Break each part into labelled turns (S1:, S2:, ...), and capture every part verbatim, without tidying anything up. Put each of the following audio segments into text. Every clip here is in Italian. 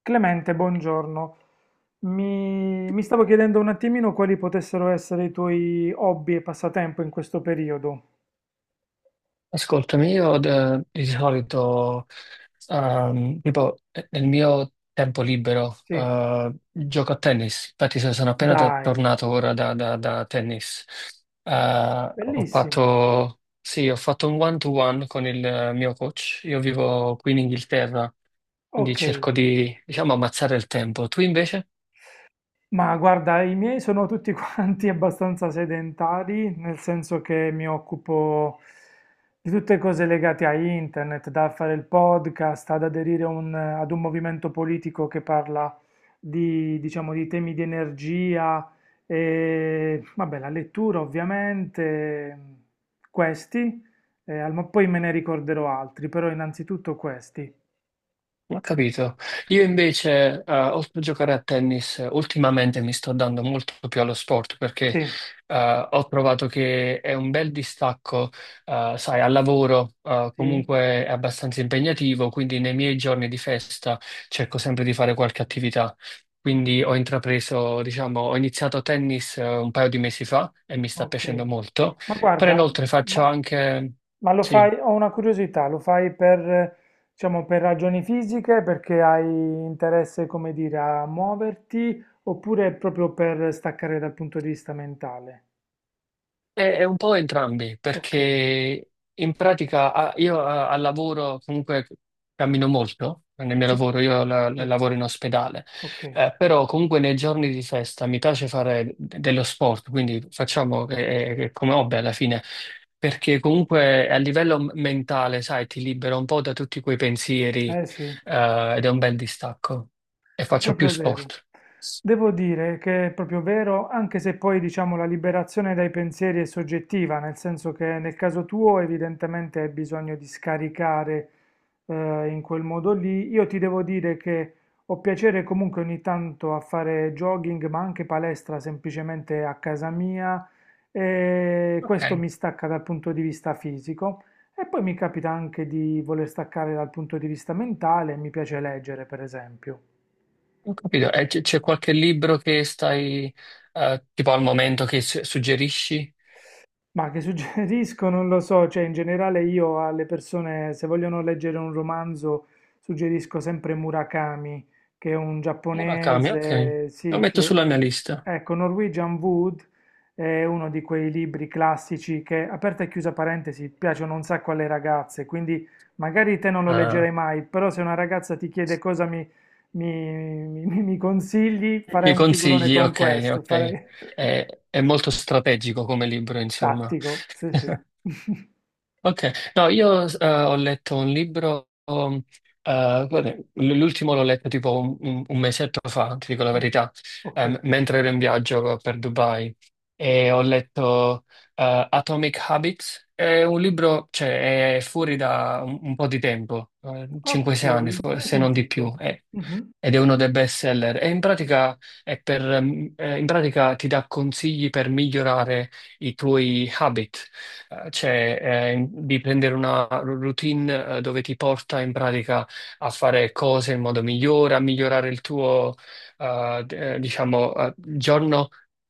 S1: Clemente, buongiorno. Mi, mi stavo chiedendo un attimino quali potessero essere i tuoi hobby e passatempo in questo periodo.
S2: Ascoltami, io eh, di solito, ehm, tipo, eh, nel mio tempo libero,
S1: Sì,
S2: eh, gioco a tennis. Infatti, so- sono appena t-
S1: dai,
S2: tornato ora da, da- da tennis. Eh, ho
S1: bellissimo.
S2: fatto, sì, ho fatto un one-to-one con il eh, mio coach. Io vivo qui in Inghilterra, quindi
S1: Ok,
S2: cerco di, diciamo, ammazzare il tempo. Tu invece?
S1: ma guarda, i miei sono tutti quanti abbastanza sedentari, nel senso che mi occupo di tutte cose legate a internet, da fare il podcast, ad aderire a un- ad un movimento politico che parla di, diciamo, di temi di energia e, vabbè, la lettura ovviamente, questi, eh, al- ma poi me ne ricorderò altri, però innanzitutto questi.
S2: Ho capito. Io invece, eh, oltre a giocare a tennis, eh, ultimamente mi sto dando molto più allo sport, perché
S1: Sì,
S2: eh, ho trovato che è un bel distacco, eh, sai, al lavoro eh,
S1: sì,
S2: comunque è abbastanza impegnativo, quindi nei miei giorni di festa cerco sempre di fare qualche attività. Quindi ho intrapreso, diciamo, ho iniziato tennis eh, un paio di mesi fa e mi sta
S1: ok.
S2: piacendo molto,
S1: Ma
S2: però
S1: guarda,
S2: inoltre faccio
S1: ma...
S2: anche...
S1: Ma lo
S2: Sì.
S1: fai, ho una curiosità, lo fai per, eh, diciamo, per ragioni fisiche, perché hai interesse, come dire, a muoverti, oppure proprio per staccare dal punto di vista mentale?
S2: È, è un po' entrambi,
S1: Ok,
S2: perché in pratica ah, io ah, al lavoro comunque cammino molto, nel mio
S1: sì,
S2: lavoro io la- la-
S1: sì,
S2: lavoro in ospedale,
S1: ok.
S2: eh, però comunque nei giorni di festa mi piace fare de- dello sport, quindi facciamo che- eh, che- come hobby alla fine, perché comunque a livello m- mentale, sai, ti libera un po' da tutti quei pensieri,
S1: Eh sì.
S2: eh, ed è un bel distacco e
S1: È
S2: faccio più
S1: proprio vero.
S2: sport.
S1: Devo dire che è proprio vero, anche se poi diciamo la liberazione dai pensieri è soggettiva, nel senso che nel caso tuo evidentemente hai bisogno di scaricare eh, in quel modo lì. Io ti devo dire che ho piacere comunque ogni tanto a fare jogging, ma anche palestra semplicemente a casa mia e
S2: Ok.
S1: questo mi stacca dal punto di vista fisico. E poi mi capita anche di voler staccare dal punto di vista mentale, mi piace leggere, per esempio.
S2: Ho capito. E c- c'è qualche libro che stai, eh, tipo al momento, che s- suggerisci?
S1: Ma che suggerisco? Non lo so, cioè in generale io alle persone, se vogliono leggere un romanzo, suggerisco sempre Murakami, che è un
S2: Murakami, ok.
S1: giapponese,
S2: Lo
S1: sì,
S2: metto
S1: che...
S2: sulla mia lista.
S1: Ecco, Norwegian Wood è uno di quei libri classici che, aperta e chiusa parentesi, piacciono un sacco alle ragazze, quindi magari te non lo
S2: Ah,
S1: leggerai mai, però se una ragazza ti chiede cosa mi, mi, mi- mi consigli, farei
S2: mi
S1: un figurone
S2: consigli?
S1: con
S2: Ok,
S1: questo,
S2: ok.
S1: farei
S2: È, è molto strategico come libro, insomma.
S1: tattico, sì sì.
S2: Ok, no, io eh, ho letto un libro, um, eh, guarda, l- l'ultimo l'ho letto tipo un, un- un mesetto fa, ti dico la
S1: Sì,
S2: verità,
S1: ok.
S2: ehm, mentre ero in viaggio per Dubai, e ho letto eh, Atomic Habits. È un libro, cioè, è fuori da un, un po' di tempo,
S1: Ok,
S2: cinque o sei anni forse,
S1: mai
S2: se non di
S1: sentito.
S2: più, eh
S1: Mhm.
S2: ed è uno dei best seller. E in pratica, è per, ehm, eh, in pratica ti dà consigli per migliorare i tuoi habit. Eh, cioè eh, in- di prendere una routine eh, dove ti porta in pratica a fare cose in modo migliore, a migliorare il tuo, eh, d- eh, diciamo, eh, giorno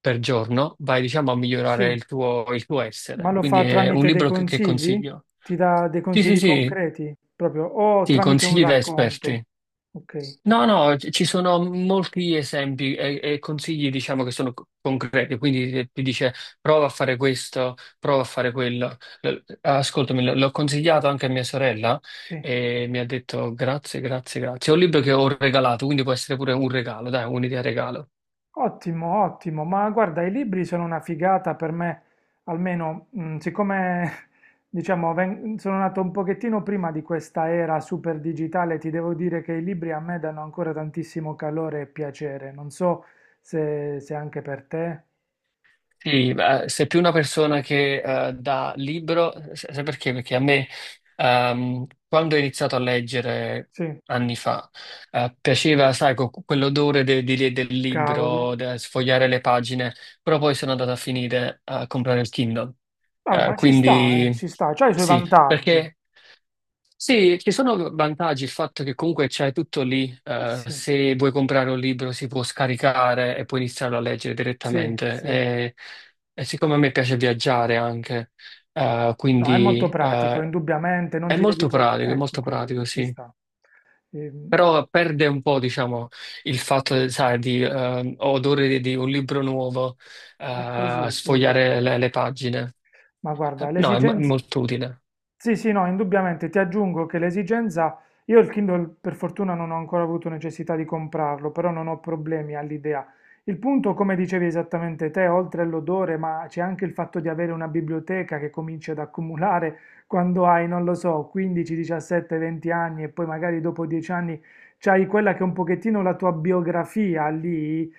S2: per giorno, vai, diciamo, a migliorare
S1: Sì,
S2: il tuo, il tuo
S1: ma
S2: essere.
S1: lo
S2: Quindi
S1: fa
S2: è un
S1: tramite dei
S2: libro che, che
S1: consigli?
S2: consiglio.
S1: Ti dà dei
S2: Sì, sì,
S1: consigli
S2: sì,
S1: concreti, proprio, o
S2: sì,
S1: tramite un
S2: consigli da
S1: racconto?
S2: esperti.
S1: Ok,
S2: No, no, ci ci sono molti esempi e, e consigli, diciamo, che sono co- concreti. Quindi eh, ti dice prova a fare questo, prova a fare quello. L- Ascoltami, l- l'ho consigliato anche a mia sorella
S1: sì.
S2: e mi ha detto grazie, grazie, grazie. È un libro che ho regalato, quindi può essere pure un regalo, dai, un'idea regalo.
S1: Ottimo, ottimo. Ma guarda, i libri sono una figata per me, almeno, mm, siccome, diciamo, ven- sono nato un pochettino prima di questa era super digitale, ti devo dire che i libri a me danno ancora tantissimo calore e piacere. Non so se se anche per te.
S2: Sì, eh, sei più una persona che eh, dà libro, sa- sai perché? Perché a me, ehm, quando ho iniziato a leggere
S1: Sì,
S2: anni fa, eh, piaceva, sai, co- quell'odore de- di- del
S1: cavolo.
S2: libro, de- sfogliare le pagine, però poi sono andato a finire a comprare il Kindle.
S1: Vabbè,
S2: Eh,
S1: ma ci sta,
S2: quindi
S1: eh, ci sta, c'ha i suoi
S2: sì,
S1: vantaggi.
S2: perché sì, ci sono vantaggi, il fatto che comunque c'hai tutto lì,
S1: Eh
S2: eh,
S1: sì,
S2: se vuoi comprare un libro si può scaricare e puoi iniziarlo a leggere
S1: sì,
S2: direttamente.
S1: sì.
S2: E, e siccome a me piace viaggiare anche, eh,
S1: No, è molto
S2: quindi
S1: pratico,
S2: eh,
S1: indubbiamente, non
S2: è
S1: ti devi
S2: molto pratico, è
S1: portare... Ecco,
S2: molto pratico,
S1: quindi ci
S2: sì.
S1: sta. Ehm,
S2: Però perde un po', diciamo, il fatto, sai, di eh, odore di, di un libro nuovo,
S1: è
S2: eh,
S1: così, sì, è vero.
S2: sfogliare le, le pagine.
S1: Ma guarda,
S2: Eh, no, è, mo- è
S1: l'esigenza...
S2: molto utile,
S1: Sì, sì, no, indubbiamente ti aggiungo che l'esigenza... Io il Kindle per fortuna non ho ancora avuto necessità di comprarlo, però non ho problemi all'idea. Il punto, come dicevi esattamente te, oltre all'odore, ma c'è anche il fatto di avere una biblioteca che cominci ad accumulare quando hai, non lo so, quindici, diciassette, venti anni e poi magari dopo dieci anni c'hai quella che è un pochettino la tua biografia lì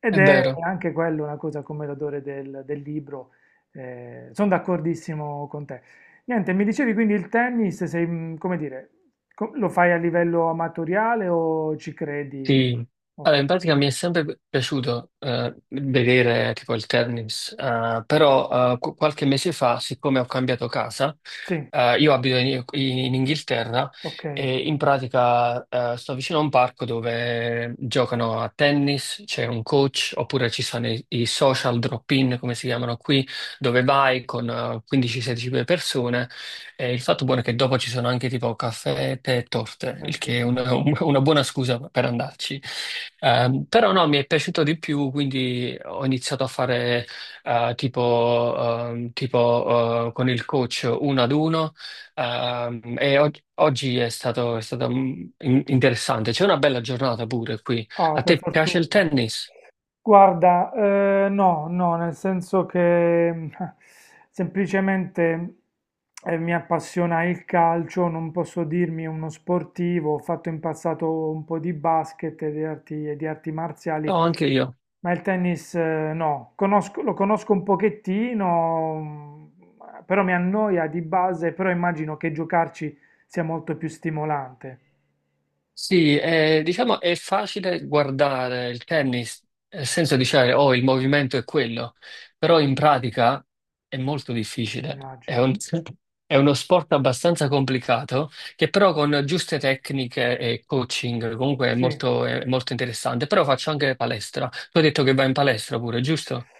S1: ed
S2: è
S1: è
S2: vero.
S1: anche quello una cosa come l'odore del del libro. Eh, sono d'accordissimo con te. Niente, mi dicevi quindi il tennis, sei, mm, come dire, co- lo fai a livello amatoriale o ci credi?
S2: Sì,
S1: Ok.
S2: allora in pratica mi è sempre piaciuto eh, vedere tipo il tennis, eh, però eh, qu- qualche mese fa, siccome ho cambiato casa,
S1: Sì,
S2: eh, io abito in, in Inghilterra.
S1: ok,
S2: E in pratica eh, sto vicino a un parco dove giocano a tennis, c'è un coach, oppure ci sono i, i social drop-in, come si chiamano qui, dove vai con eh, quindici sedici persone, e il fatto buono è che dopo ci sono anche tipo caffè, tè e torte,
S1: beh,
S2: il che è
S1: figo.
S2: una, un- una buona scusa per andarci. Ehm, però no, mi è piaciuto di più, quindi ho iniziato a fare eh, tipo, ehm, tipo, eh, con il coach uno ad uno. ehm, e og- oggi è stato, è stato, mm, in- interessante. C'è una bella giornata pure qui.
S1: Ah,
S2: A
S1: per
S2: te piace il
S1: fortuna.
S2: tennis?
S1: Guarda, eh, no, no, nel senso che mm, semplicemente eh, mi appassiona il calcio, non posso dirmi uno sportivo, ho fatto in passato un po' di basket e di arti, e di arti
S2: No,
S1: marziali.
S2: anche io.
S1: Ma il tennis eh, no, Conosco- lo conosco un pochettino, mm, però mi annoia di base, però immagino che giocarci sia molto più stimolante,
S2: Sì, eh, diciamo è facile guardare il tennis, nel senso di dire, oh, il movimento è quello, però in pratica è molto difficile. È
S1: immagino.
S2: un- è uno sport abbastanza complicato, che però con giuste tecniche e coaching comunque è
S1: Sì.
S2: molto, è molto interessante. Però faccio anche palestra. Tu hai detto che vai in palestra pure, giusto?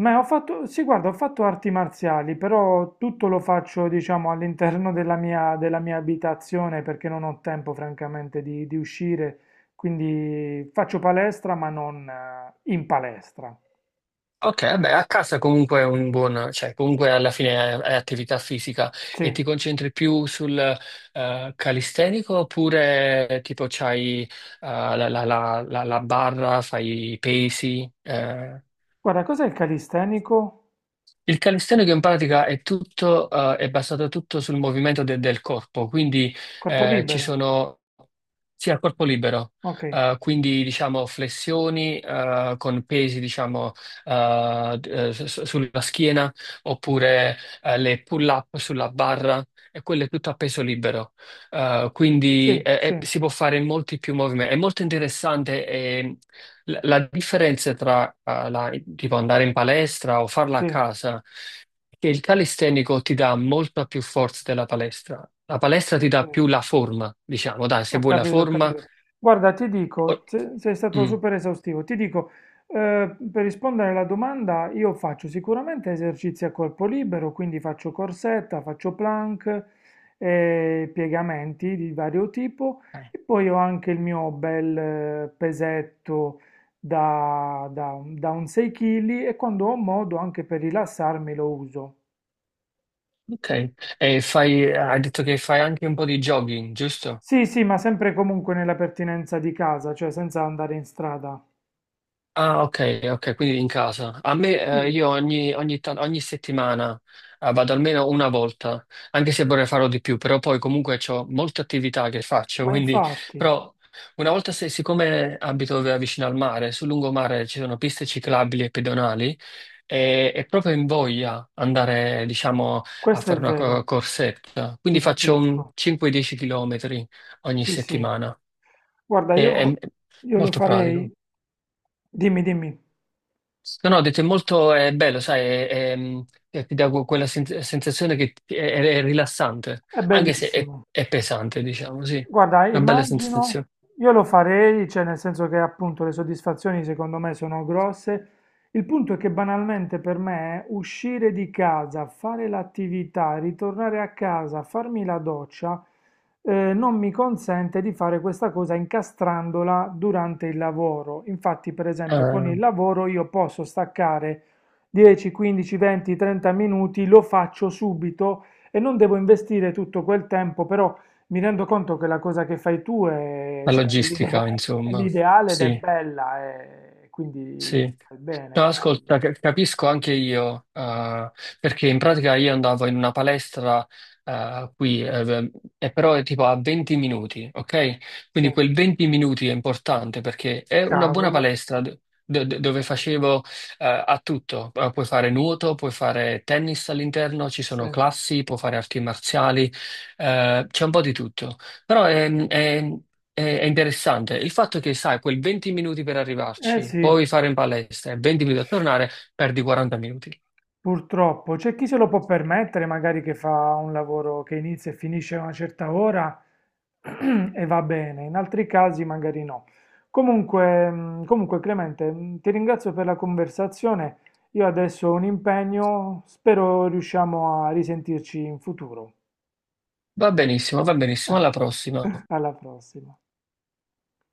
S1: Ma ho fatto, sì, guarda, ho fatto arti marziali, però tutto lo faccio, diciamo, all'interno della mia, della mia abitazione perché non ho tempo, francamente, di, di uscire, quindi faccio palestra, ma non eh, in palestra.
S2: Ok, beh, a casa comunque è un buon, cioè comunque alla fine è, è attività fisica, e
S1: Sì.
S2: ti concentri più sul eh, calistenico oppure eh, tipo c'hai eh, la, la- la- la- la barra, fai i pesi? Eh?
S1: Guarda, cos'è il calistenico?
S2: Il calisthenico in pratica è tutto, eh, è basato tutto sul movimento de- del corpo, quindi
S1: Corpo
S2: eh, ci
S1: libero.
S2: sono sia il corpo libero,
S1: Ok.
S2: eh, quindi diciamo flessioni eh, con pesi, diciamo, eh, eh, su- su- sulla schiena, oppure eh, le pull-up sulla barra, e quello è tutto a peso libero. Eh,
S1: Sì,
S2: quindi eh,
S1: sì,
S2: eh, si può fare molti più movimenti. È molto interessante. Ehm, la la differenza tra eh, la- tipo andare in palestra o farla
S1: sì,
S2: a casa, è che il calistenico ti dà molta più forza della palestra. La palestra ti
S1: ok,
S2: dà più la forma, diciamo, dai, se
S1: ho
S2: vuoi la
S1: capito, ho
S2: forma.
S1: capito. Guarda, ti dico,
S2: o-
S1: se- sei stato
S2: Mm.
S1: super esaustivo, ti dico, eh, per rispondere alla domanda, io faccio sicuramente esercizi a corpo libero, quindi faccio corsetta, faccio plank, eh, piegamenti di vario tipo
S2: Eh,
S1: e poi ho anche il mio bel eh, pesetto da, da, da un sei chili e quando ho modo anche per rilassarmi lo uso.
S2: Ok, e fai, hai detto che fai anche un po' di jogging, giusto?
S1: Sì, sì, ma sempre e comunque nella pertinenza di casa, cioè senza andare in strada.
S2: Ah, ok, ok, quindi in casa. A me, eh,
S1: Sì,
S2: io ogni, ogni tan- ogni settimana, eh, vado almeno una volta, anche se vorrei farlo di più, però poi comunque ho molte attività che faccio,
S1: ma
S2: quindi,
S1: infatti,
S2: però una volta, se, siccome abito v- vicino al mare, sul lungomare ci sono piste ciclabili e pedonali, e, e proprio in voglia andare, diciamo, a
S1: questo è
S2: fare una co-
S1: vero,
S2: corsetta.
S1: ti
S2: Quindi faccio un
S1: capisco.
S2: cinque dieci chilometri km ogni
S1: Sì, sì.
S2: settimana.
S1: Guarda,
S2: E- è
S1: io, io lo
S2: molto
S1: farei.
S2: pratico.
S1: Dimmi, dimmi,
S2: No, no, ho detto è molto è bello, sai, è- è, mm, eh, ti dà que- quella sen- sensazione che ti- è, è- è rilassante,
S1: è
S2: anche se è,
S1: bellissimo.
S2: è pesante, diciamo, sì,
S1: Guarda,
S2: una bella
S1: immagino,
S2: sensazione.
S1: io lo farei, cioè nel senso che appunto le soddisfazioni secondo me sono grosse. Il punto è che banalmente per me uscire di casa, fare l'attività, ritornare a casa, farmi la doccia, eh, non mi consente di fare questa cosa incastrandola durante il lavoro. Infatti, per esempio, con
S2: Ah,
S1: il lavoro io posso staccare dieci, quindici, venti, trenta minuti, lo faccio subito e non devo investire tutto quel tempo, però mi rendo conto che la cosa che fai tu è,
S2: la
S1: cioè, è l'idea-
S2: logistica,
S1: è
S2: insomma,
S1: l'ideale ed è
S2: sì.
S1: bella, e quindi
S2: Sì.
S1: fai bene,
S2: No,
S1: cavolo.
S2: ascolta, ca- capisco anche io, eh, perché in pratica io andavo in una palestra, eh, qui, eh, e però è tipo a venti minuti, ok?
S1: Sì,
S2: Quindi quel venti minuti è importante perché è una buona
S1: cavolo.
S2: palestra d- d- d- dove facevo, eh, a tutto. Eh, Puoi fare nuoto, puoi fare tennis all'interno, ci
S1: Sì.
S2: sono classi, puoi fare arti marziali, eh, c'è un po' di tutto. Però è, è è interessante il fatto che, sai, quel venti minuti per
S1: Eh
S2: arrivarci,
S1: sì,
S2: poi fare in palestra e venti minuti a tornare, perdi quaranta minuti.
S1: purtroppo. C'è chi se lo può permettere, magari che fa un lavoro che inizia e finisce a una certa ora e va bene, in altri casi magari no. Comunque, mh, comunque Clemente, mh, ti ringrazio per la conversazione. Io adesso ho un impegno, spero riusciamo a risentirci in futuro.
S2: Va benissimo, va benissimo, alla prossima.
S1: Alla prossima.